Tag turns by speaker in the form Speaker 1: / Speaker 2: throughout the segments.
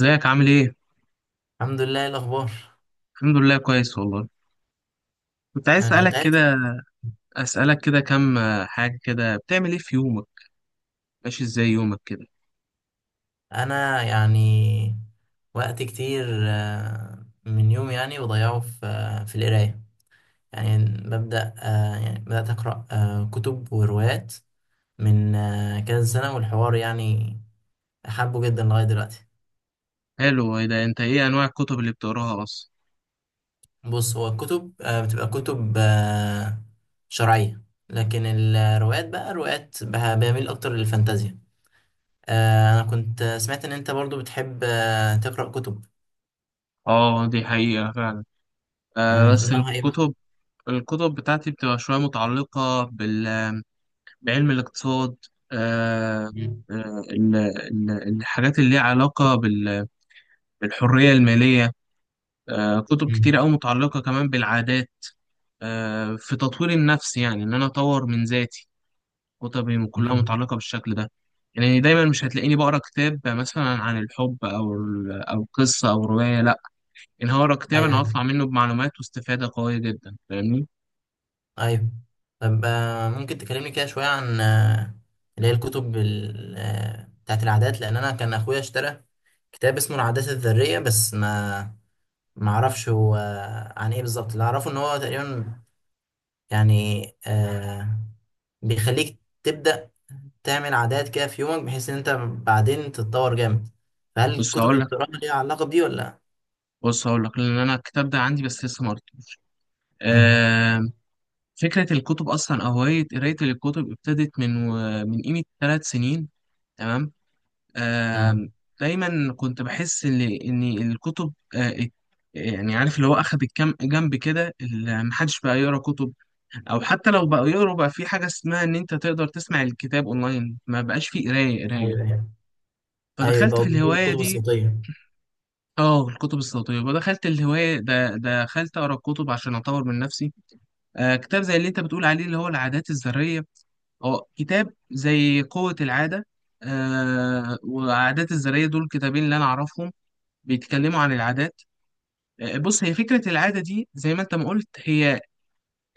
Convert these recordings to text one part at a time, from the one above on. Speaker 1: ازيك عامل ايه؟
Speaker 2: الحمد لله. إيه الاخبار؟
Speaker 1: الحمد لله كويس والله. كنت عايز
Speaker 2: انا كنت
Speaker 1: اسألك كده
Speaker 2: عارف.
Speaker 1: اسألك كده كام، حاجة كده بتعمل ايه في يومك؟ ماشي ازاي يومك كده؟
Speaker 2: انا يعني وقت كتير. من يوم يعني بضيعه في في القرايه. يعني ببدا آه، يعني بدات اقرا كتب وروايات من كذا سنه، والحوار يعني حابه جدا لغايه دلوقتي.
Speaker 1: حلو. ايه ده؟ انت ايه انواع الكتب اللي بتقراها اصلا؟
Speaker 2: بص، هو الكتب بتبقى كتب شرعيه، لكن الروايات بقى روايات بميل اكتر للفانتازيا. انا كنت سمعت ان انت برضو بتحب تقرا كتب.
Speaker 1: اه، دي حقيقة فعلا. بس
Speaker 2: نوعها ايه مثلا؟
Speaker 1: الكتب، الكتب بتاعتي بتبقى شوية متعلقة بعلم الاقتصاد. آه
Speaker 2: مم.
Speaker 1: آه، ال- ال- الحاجات اللي ليها علاقة بالحرية المالية، كتب
Speaker 2: مم.
Speaker 1: كتير أوي متعلقة كمان بالعادات، في تطوير النفس، يعني إن أنا أطور من ذاتي. كتبي كلها
Speaker 2: مم.
Speaker 1: متعلقة بالشكل ده. يعني دايما مش هتلاقيني بقرا كتاب مثلا عن الحب او او قصه او روايه، لا. ان هقرا كتاب انا
Speaker 2: ايوه،
Speaker 1: هطلع منه بمعلومات واستفاده قويه جدا، فاهمني؟
Speaker 2: ايوه. طب، ممكن تكلمني كده شويه عن اللي هي الكتب بتاعت العادات، لان انا كان اخويا اشترى كتاب اسمه العادات الذريه، بس ما اعرفش هو عن ايه بالظبط. اللي اعرفه ان هو تقريبا يعني بيخليك تبدا تعمل عادات كده في يومك، بحيث ان انت بعدين تتطور جامد. فهل
Speaker 1: بص
Speaker 2: الكتب اللي
Speaker 1: هقول لك
Speaker 2: بتقراها ليها علاقه بدي ولا لا؟
Speaker 1: بص هقول لك لان انا الكتاب ده عندي بس لسه ما قريتوش.
Speaker 2: مم.
Speaker 1: آم، فكره الكتب اصلا او هوايه قرايه الكتب ابتدت من قيمه 3 سنين. تمام.
Speaker 2: مم.
Speaker 1: آم، دايما كنت بحس ان الكتب، يعني عارف اللي هو اخد الكم جنب كده، محدش بقى يقرا كتب، او حتى لو بقوا يقروا بقى في حاجه اسمها ان انت تقدر تسمع الكتاب اونلاين، ما بقاش فيه قرايه
Speaker 2: ايوه،
Speaker 1: قرايه.
Speaker 2: ايوه، ايوه.
Speaker 1: فدخلت
Speaker 2: بقوا
Speaker 1: في
Speaker 2: بيقولوا
Speaker 1: الهوايه
Speaker 2: الكتب
Speaker 1: دي.
Speaker 2: الصوتيه.
Speaker 1: اه، الكتب الصوتيه، ودخلت الهوايه ده، دخلت اقرا كتب عشان اطور من نفسي. كتاب زي اللي انت بتقول عليه اللي هو العادات الذريه، اه كتاب زي قوه العاده. وعادات الذريه دول كتابين اللي انا اعرفهم، بيتكلموا عن العادات. بص، هي فكرة العادة دي زي ما انت ما قلت، هي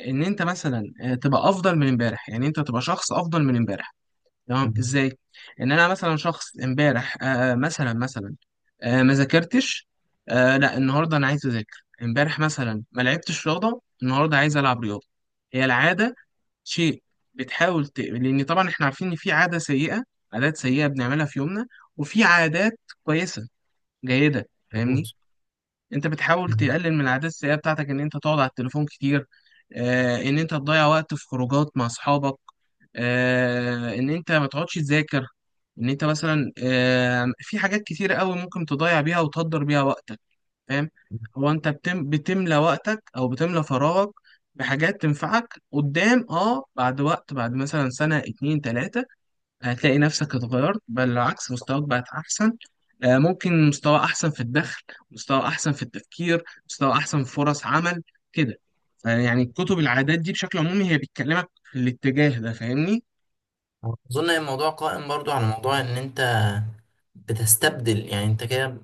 Speaker 1: ان انت مثلا تبقى افضل من امبارح، يعني انت تبقى شخص افضل من امبارح. تمام؟ ازاي؟ ان انا مثلا شخص امبارح، مثلا، ما ذاكرتش، لا، النهارده انا عايز اذاكر. امبارح مثلا ما لعبتش رياضه، النهارده عايز العب رياضه. هي العاده شيء، لان طبعا احنا عارفين ان في عاده سيئه، عادات سيئه بنعملها في يومنا، وفي عادات كويسه جيده،
Speaker 2: مظبوط.
Speaker 1: فاهمني؟ انت بتحاول تقلل من العادات السيئة بتاعتك، ان انت تقعد على التليفون كتير، ان انت تضيع وقت في خروجات مع اصحابك، ان انت ما تقعدش تذاكر، ان انت مثلا في حاجات كتير قوي ممكن تضيع بيها وتهدر بيها وقتك، فاهم؟ هو انت بتملى وقتك او بتملى فراغك بحاجات تنفعك قدام، بعد وقت، بعد مثلا سنة اتنين تلاتة، هتلاقي نفسك اتغيرت، بل العكس، مستواك بقت أحسن. ممكن مستوى أحسن في الدخل، مستوى أحسن في التفكير، مستوى أحسن في فرص عمل، كده. يعني كتب العادات دي بشكل عمومي هي بتكلمك في الاتجاه ده، فاهمني؟
Speaker 2: اظن إن الموضوع قائم برضو على موضوع ان انت بتستبدل، يعني انت كده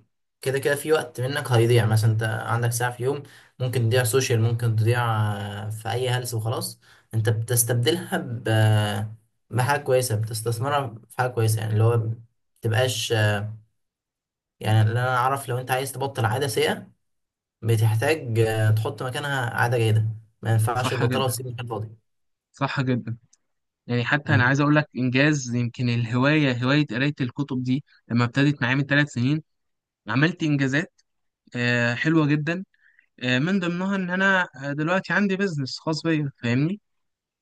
Speaker 2: كده كده في وقت منك هيضيع، مثلا انت عندك ساعة في يوم، ممكن تضيع سوشيال، ممكن تضيع في اي هلس وخلاص. انت بتستبدلها ب بحاجة كويسة، بتستثمرها في حاجة كويسة. يعني اللي هو متبقاش يعني اللي انا اعرف، لو انت عايز تبطل عادة سيئة، بتحتاج تحط مكانها عادة جيدة، ما ينفعش
Speaker 1: صح
Speaker 2: تبطلها
Speaker 1: جدا.
Speaker 2: وتسيب مكان فاضي.
Speaker 1: صح جدا. يعني حتى أنا
Speaker 2: مم.
Speaker 1: عايز أقول لك إنجاز، يمكن الهواية، هواية قراية الكتب دي لما ابتدت معايا من 3 سنين، عملت إنجازات حلوة جدا. من ضمنها إن أنا دلوقتي عندي بيزنس خاص بيا، فاهمني؟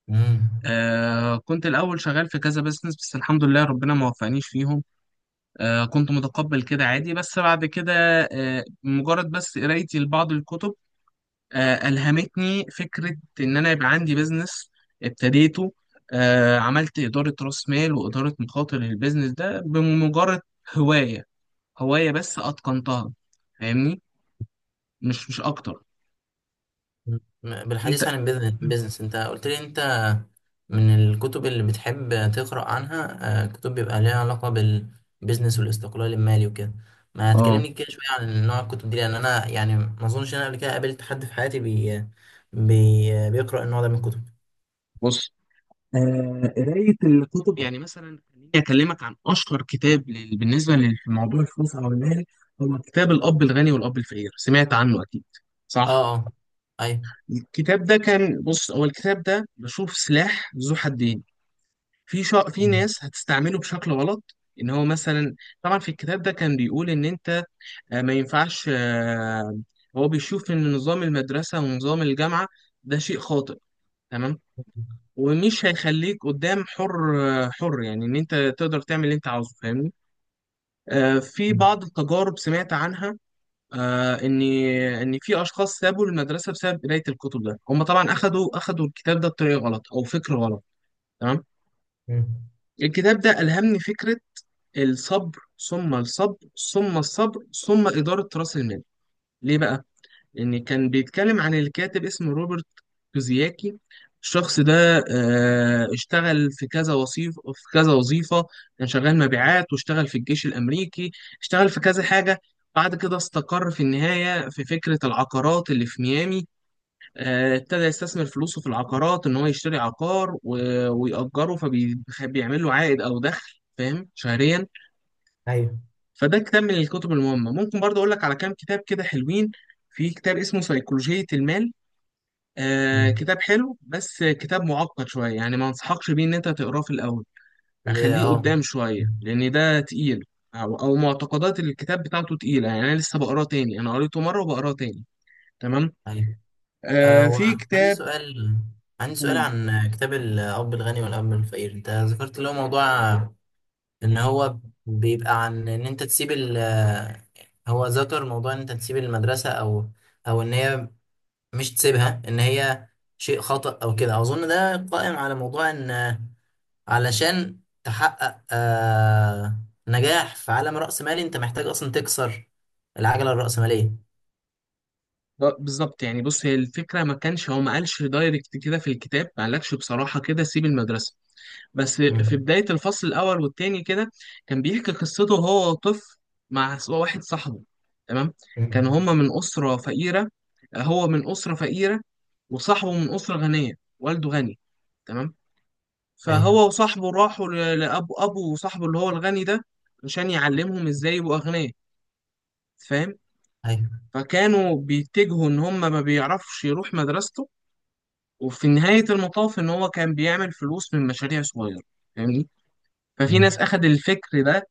Speaker 2: مم.
Speaker 1: كنت الأول شغال في كذا بزنس بس الحمد لله ربنا ما وفقنيش فيهم. كنت متقبل كده عادي، بس بعد كده مجرد بس قرايتي لبعض الكتب ألهمتني فكرة إن أنا يبقى عندي بزنس، ابتديته. عملت إدارة رأس مال وإدارة مخاطر للبزنس ده، بمجرد هواية هواية بس أتقنتها، فاهمني؟ مش أكتر. أنت،
Speaker 2: بالحديث عن البيزنس، انت قلت لي انت من الكتب اللي بتحب تقرأ عنها كتب بيبقى ليها علاقة بالبيزنس والاستقلال المالي وكده. ما
Speaker 1: آه
Speaker 2: تكلمني كده شوية عن نوع الكتب دي، لأن أنا يعني ما أظنش إن أنا قبل كده قابلت حد في حياتي بي بي بيقرأ النوع ده من الكتب.
Speaker 1: بص، قراية الكتب، يعني مثلا خليني أكلمك عن أشهر كتاب بالنسبة لموضوع الفلوس أو المال، هو كتاب الأب الغني والأب الفقير، سمعت عنه أكيد،
Speaker 2: اه،
Speaker 1: صح؟
Speaker 2: اه، أيوه.
Speaker 1: الكتاب ده كان بص، هو الكتاب ده بشوف سلاح ذو حدين. في
Speaker 2: م-
Speaker 1: ناس هتستعمله بشكل غلط، إن هو مثلا، طبعا في الكتاب ده كان بيقول إن أنت ما ينفعش، هو بيشوف إن نظام المدرسة ونظام الجامعة ده شيء خاطئ، تمام، ومش هيخليك قدام حر. حر يعني ان انت تقدر تعمل اللي انت عاوزه، فاهمني؟ في بعض التجارب سمعت عنها، آه، ان ان في اشخاص سابوا المدرسه بسبب قرايه الكتب، ده هم طبعا اخدوا الكتاب ده بطريقه غلط او فكر غلط، تمام.
Speaker 2: م-
Speaker 1: الكتاب ده الهمني فكره الصبر، ثم الصبر، ثم الصبر، ثم اداره راس المال. ليه بقى؟ يعني كان بيتكلم عن الكاتب، اسمه روبرت كوزياكي. الشخص ده اشتغل في كذا وظيفة، في كذا وظيفة، كان شغال مبيعات، واشتغل في الجيش الأمريكي، اشتغل في كذا حاجة. بعد كده استقر في النهاية في فكرة العقارات اللي في ميامي. ابتدى يستثمر فلوسه في العقارات، إن هو يشتري عقار ويأجره، فبيعمل له عائد أو دخل، فاهم، شهريا.
Speaker 2: أيوه.
Speaker 1: فده كتاب من الكتب المهمة. ممكن برضه أقول لك على كام كتاب كده حلوين. في كتاب اسمه سيكولوجية المال،
Speaker 2: م-
Speaker 1: كتاب حلو بس كتاب معقد شوية، يعني ما انصحكش بيه ان انت تقراه في الاول،
Speaker 2: في البداية،
Speaker 1: اخليه
Speaker 2: اه،
Speaker 1: قدام شوية لان ده تقيل، او معتقدات الكتاب بتاعته تقيلة، يعني انا لسه بقراه تاني، انا قريته مرة وبقراه تاني، تمام.
Speaker 2: أيوه.
Speaker 1: في
Speaker 2: هو
Speaker 1: كتاب.
Speaker 2: عندي سؤال
Speaker 1: قول.
Speaker 2: عن كتاب الأب الغني والأب الفقير. أنت ذكرت اللي هو موضوع ان هو بيبقى عن ان انت تسيب ال هو ذكر موضوع ان انت تسيب المدرسة او ان هي، مش تسيبها، ان هي شيء خطأ او كده. اظن ده قائم على موضوع ان علشان تحقق نجاح في عالم رأسمالي، انت محتاج اصلا تكسر العجلة الرأسمالية.
Speaker 1: بالظبط، يعني بص، هي الفكرة، ما كانش هو ما قالش دايركت كده في الكتاب، ما قالكش بصراحة كده سيب المدرسة، بس في
Speaker 2: مم.
Speaker 1: بداية الفصل الأول والتاني كده كان بيحكي قصته، هو طفل مع واحد صاحبه، تمام.
Speaker 2: مم.
Speaker 1: كان هما من أسرة فقيرة، هو من أسرة فقيرة، وصاحبه من أسرة غنية، والده غني، تمام.
Speaker 2: ايوه،
Speaker 1: فهو وصاحبه راحوا لأبو صاحبه اللي هو الغني ده، عشان يعلمهم إزاي يبقوا أغنياء، فاهم؟
Speaker 2: ايوه.
Speaker 1: فكانوا بيتجهوا إن هما ما بيعرفش يروح مدرسته، وفي نهاية المطاف إن هو كان بيعمل فلوس من مشاريع صغيرة، فاهمني؟ ففي ناس
Speaker 2: مم.
Speaker 1: أخد الفكر ده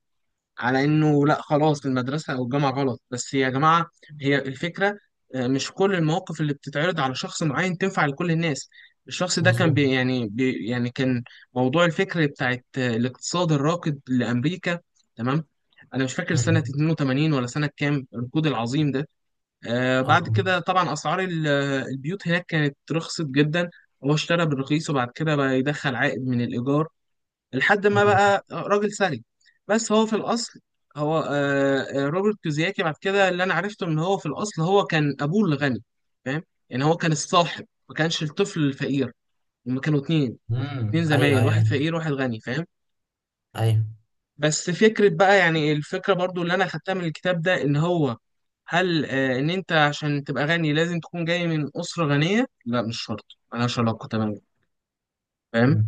Speaker 1: على انه لا خلاص، المدرسه او الجامعه غلط. بس يا جماعه، هي الفكره، مش كل المواقف اللي بتتعرض على شخص معين تنفع لكل الناس. الشخص ده كان
Speaker 2: مظبوط.
Speaker 1: بي يعني بي يعني كان موضوع الفكر بتاعت الاقتصاد الراكد لامريكا، تمام. انا مش فاكر سنه
Speaker 2: مم.
Speaker 1: 82 ولا سنه كام الركود العظيم ده. بعد
Speaker 2: اه.
Speaker 1: كده طبعا اسعار البيوت هناك كانت رخصت جدا، هو اشترى بالرخيص وبعد كده بقى يدخل عائد من الايجار لحد ما
Speaker 2: مم.
Speaker 1: بقى راجل سلج. بس هو في الأصل، هو روبرت كيوساكي، بعد كده اللي أنا عرفته إن هو في الأصل هو كان أبوه الغني، فاهم؟ يعني هو كان الصاحب، ما كانش الطفل الفقير. هما كانوا اتنين، اتنين
Speaker 2: مم. ايوه، ايوه،
Speaker 1: زمايل، واحد
Speaker 2: ايوه.
Speaker 1: فقير واحد غني، فاهم؟ بس فكرة بقى، يعني الفكرة برضو اللي أنا خدتها من الكتاب ده، إن هو هل إن أنت عشان تبقى غني لازم تكون جاي من أسرة غنية؟ لا، مش شرط، ملهاش علاقة تماما، فاهم؟
Speaker 2: أيوة.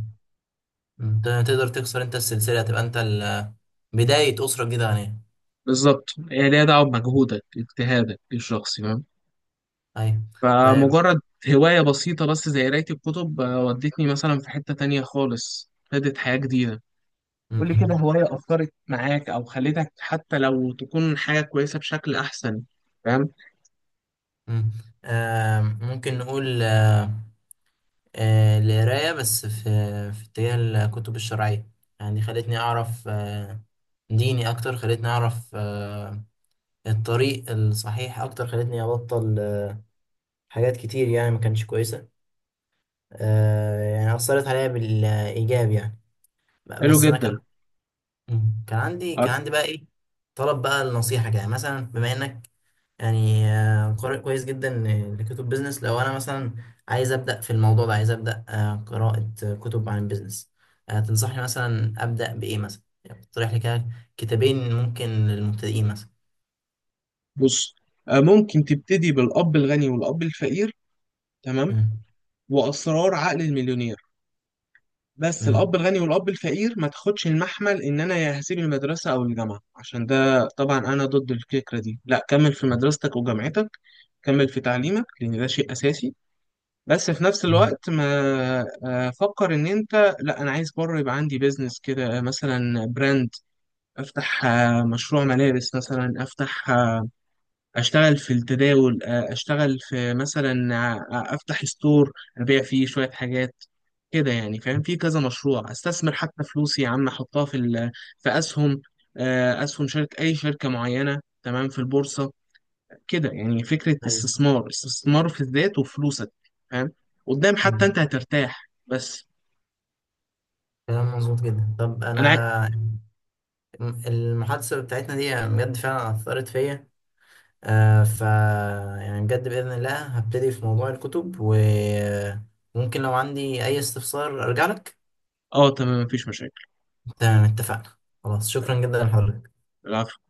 Speaker 2: انت تقدر تكسر انت السلسلة، تبقى انت بداية أسرة جديدة غنية.
Speaker 1: بالظبط، هي ليها دعوة بمجهودك، اجتهادك الشخصي، فاهم؟
Speaker 2: أيوة. طيب.
Speaker 1: فمجرد هواية بسيطة بس زي قراية الكتب ودتني مثلا في حتة تانية خالص، ابتدت حياة جديدة. قول لي كده
Speaker 2: م-
Speaker 1: هواية أثرت معاك أو خلتك حتى لو تكون حاجة كويسة بشكل أحسن، فاهم؟
Speaker 2: م- ممكن نقول القراية بس في اتجاه الكتب الشرعية. يعني خلتني أعرف ديني أكتر، خلتني أعرف الطريق الصحيح أكتر، خلتني أبطل حاجات كتير يعني ما كانتش كويسة. يعني أثرت عليا بالإيجاب يعني.
Speaker 1: حلو
Speaker 2: بس أنا كان.
Speaker 1: جدا.
Speaker 2: مم. كان عندي
Speaker 1: أر-
Speaker 2: كان عندي بقى ايه، طلب بقى النصيحة كده. يعني مثلا بما انك يعني قارئ كويس جدا لكتب بيزنس، لو انا مثلا عايز ابدأ في الموضوع ده، عايز ابدأ قراءة كتب عن البيزنس، تنصحني مثلا ابدأ بايه مثلا؟ يعني تقترح لي كده كتابين ممكن للمبتدئين مثلا.
Speaker 1: بص، ممكن تبتدي بالأب الغني والأب الفقير، تمام،
Speaker 2: مم.
Speaker 1: وأسرار عقل المليونير. بس
Speaker 2: مم.
Speaker 1: الأب الغني والأب الفقير ما تاخدش المحمل إن أنا يا هسيب المدرسة أو الجامعة، عشان ده طبعا أنا ضد الفكرة دي. لا، كمل في مدرستك وجامعتك، كمل في تعليمك لأن ده شيء أساسي. بس في نفس الوقت ما، فكر إن أنت، لا، أنا عايز بره يبقى عندي بيزنس كده، مثلا براند، أفتح مشروع ملابس مثلا، أفتح، أشتغل في التداول، أشتغل في مثلا أفتح ستور أبيع فيه شوية حاجات كده، يعني، فاهم؟ في كذا مشروع، استثمر حتى فلوسي يا عم، احطها في اسهم، اسهم شركه، اي شركه معينه، تمام، في البورصه، كده، يعني فكرة
Speaker 2: ايوه.
Speaker 1: استثمار في الذات وفلوسك، فاهم؟ قدام حتى
Speaker 2: مم.
Speaker 1: انت هترتاح. بس
Speaker 2: كلام مظبوط جدا. طب
Speaker 1: انا عاي...
Speaker 2: انا، المحادثة بتاعتنا دي بجد فعلا اثرت فيا. آه ف يعني بجد بإذن الله هبتدي في موضوع الكتب، وممكن لو عندي أي استفسار أرجع لك.
Speaker 1: اه، تمام، مفيش مشاكل.
Speaker 2: تمام، اتفقنا. خلاص، شكرا جدا لحضرتك.
Speaker 1: العفو.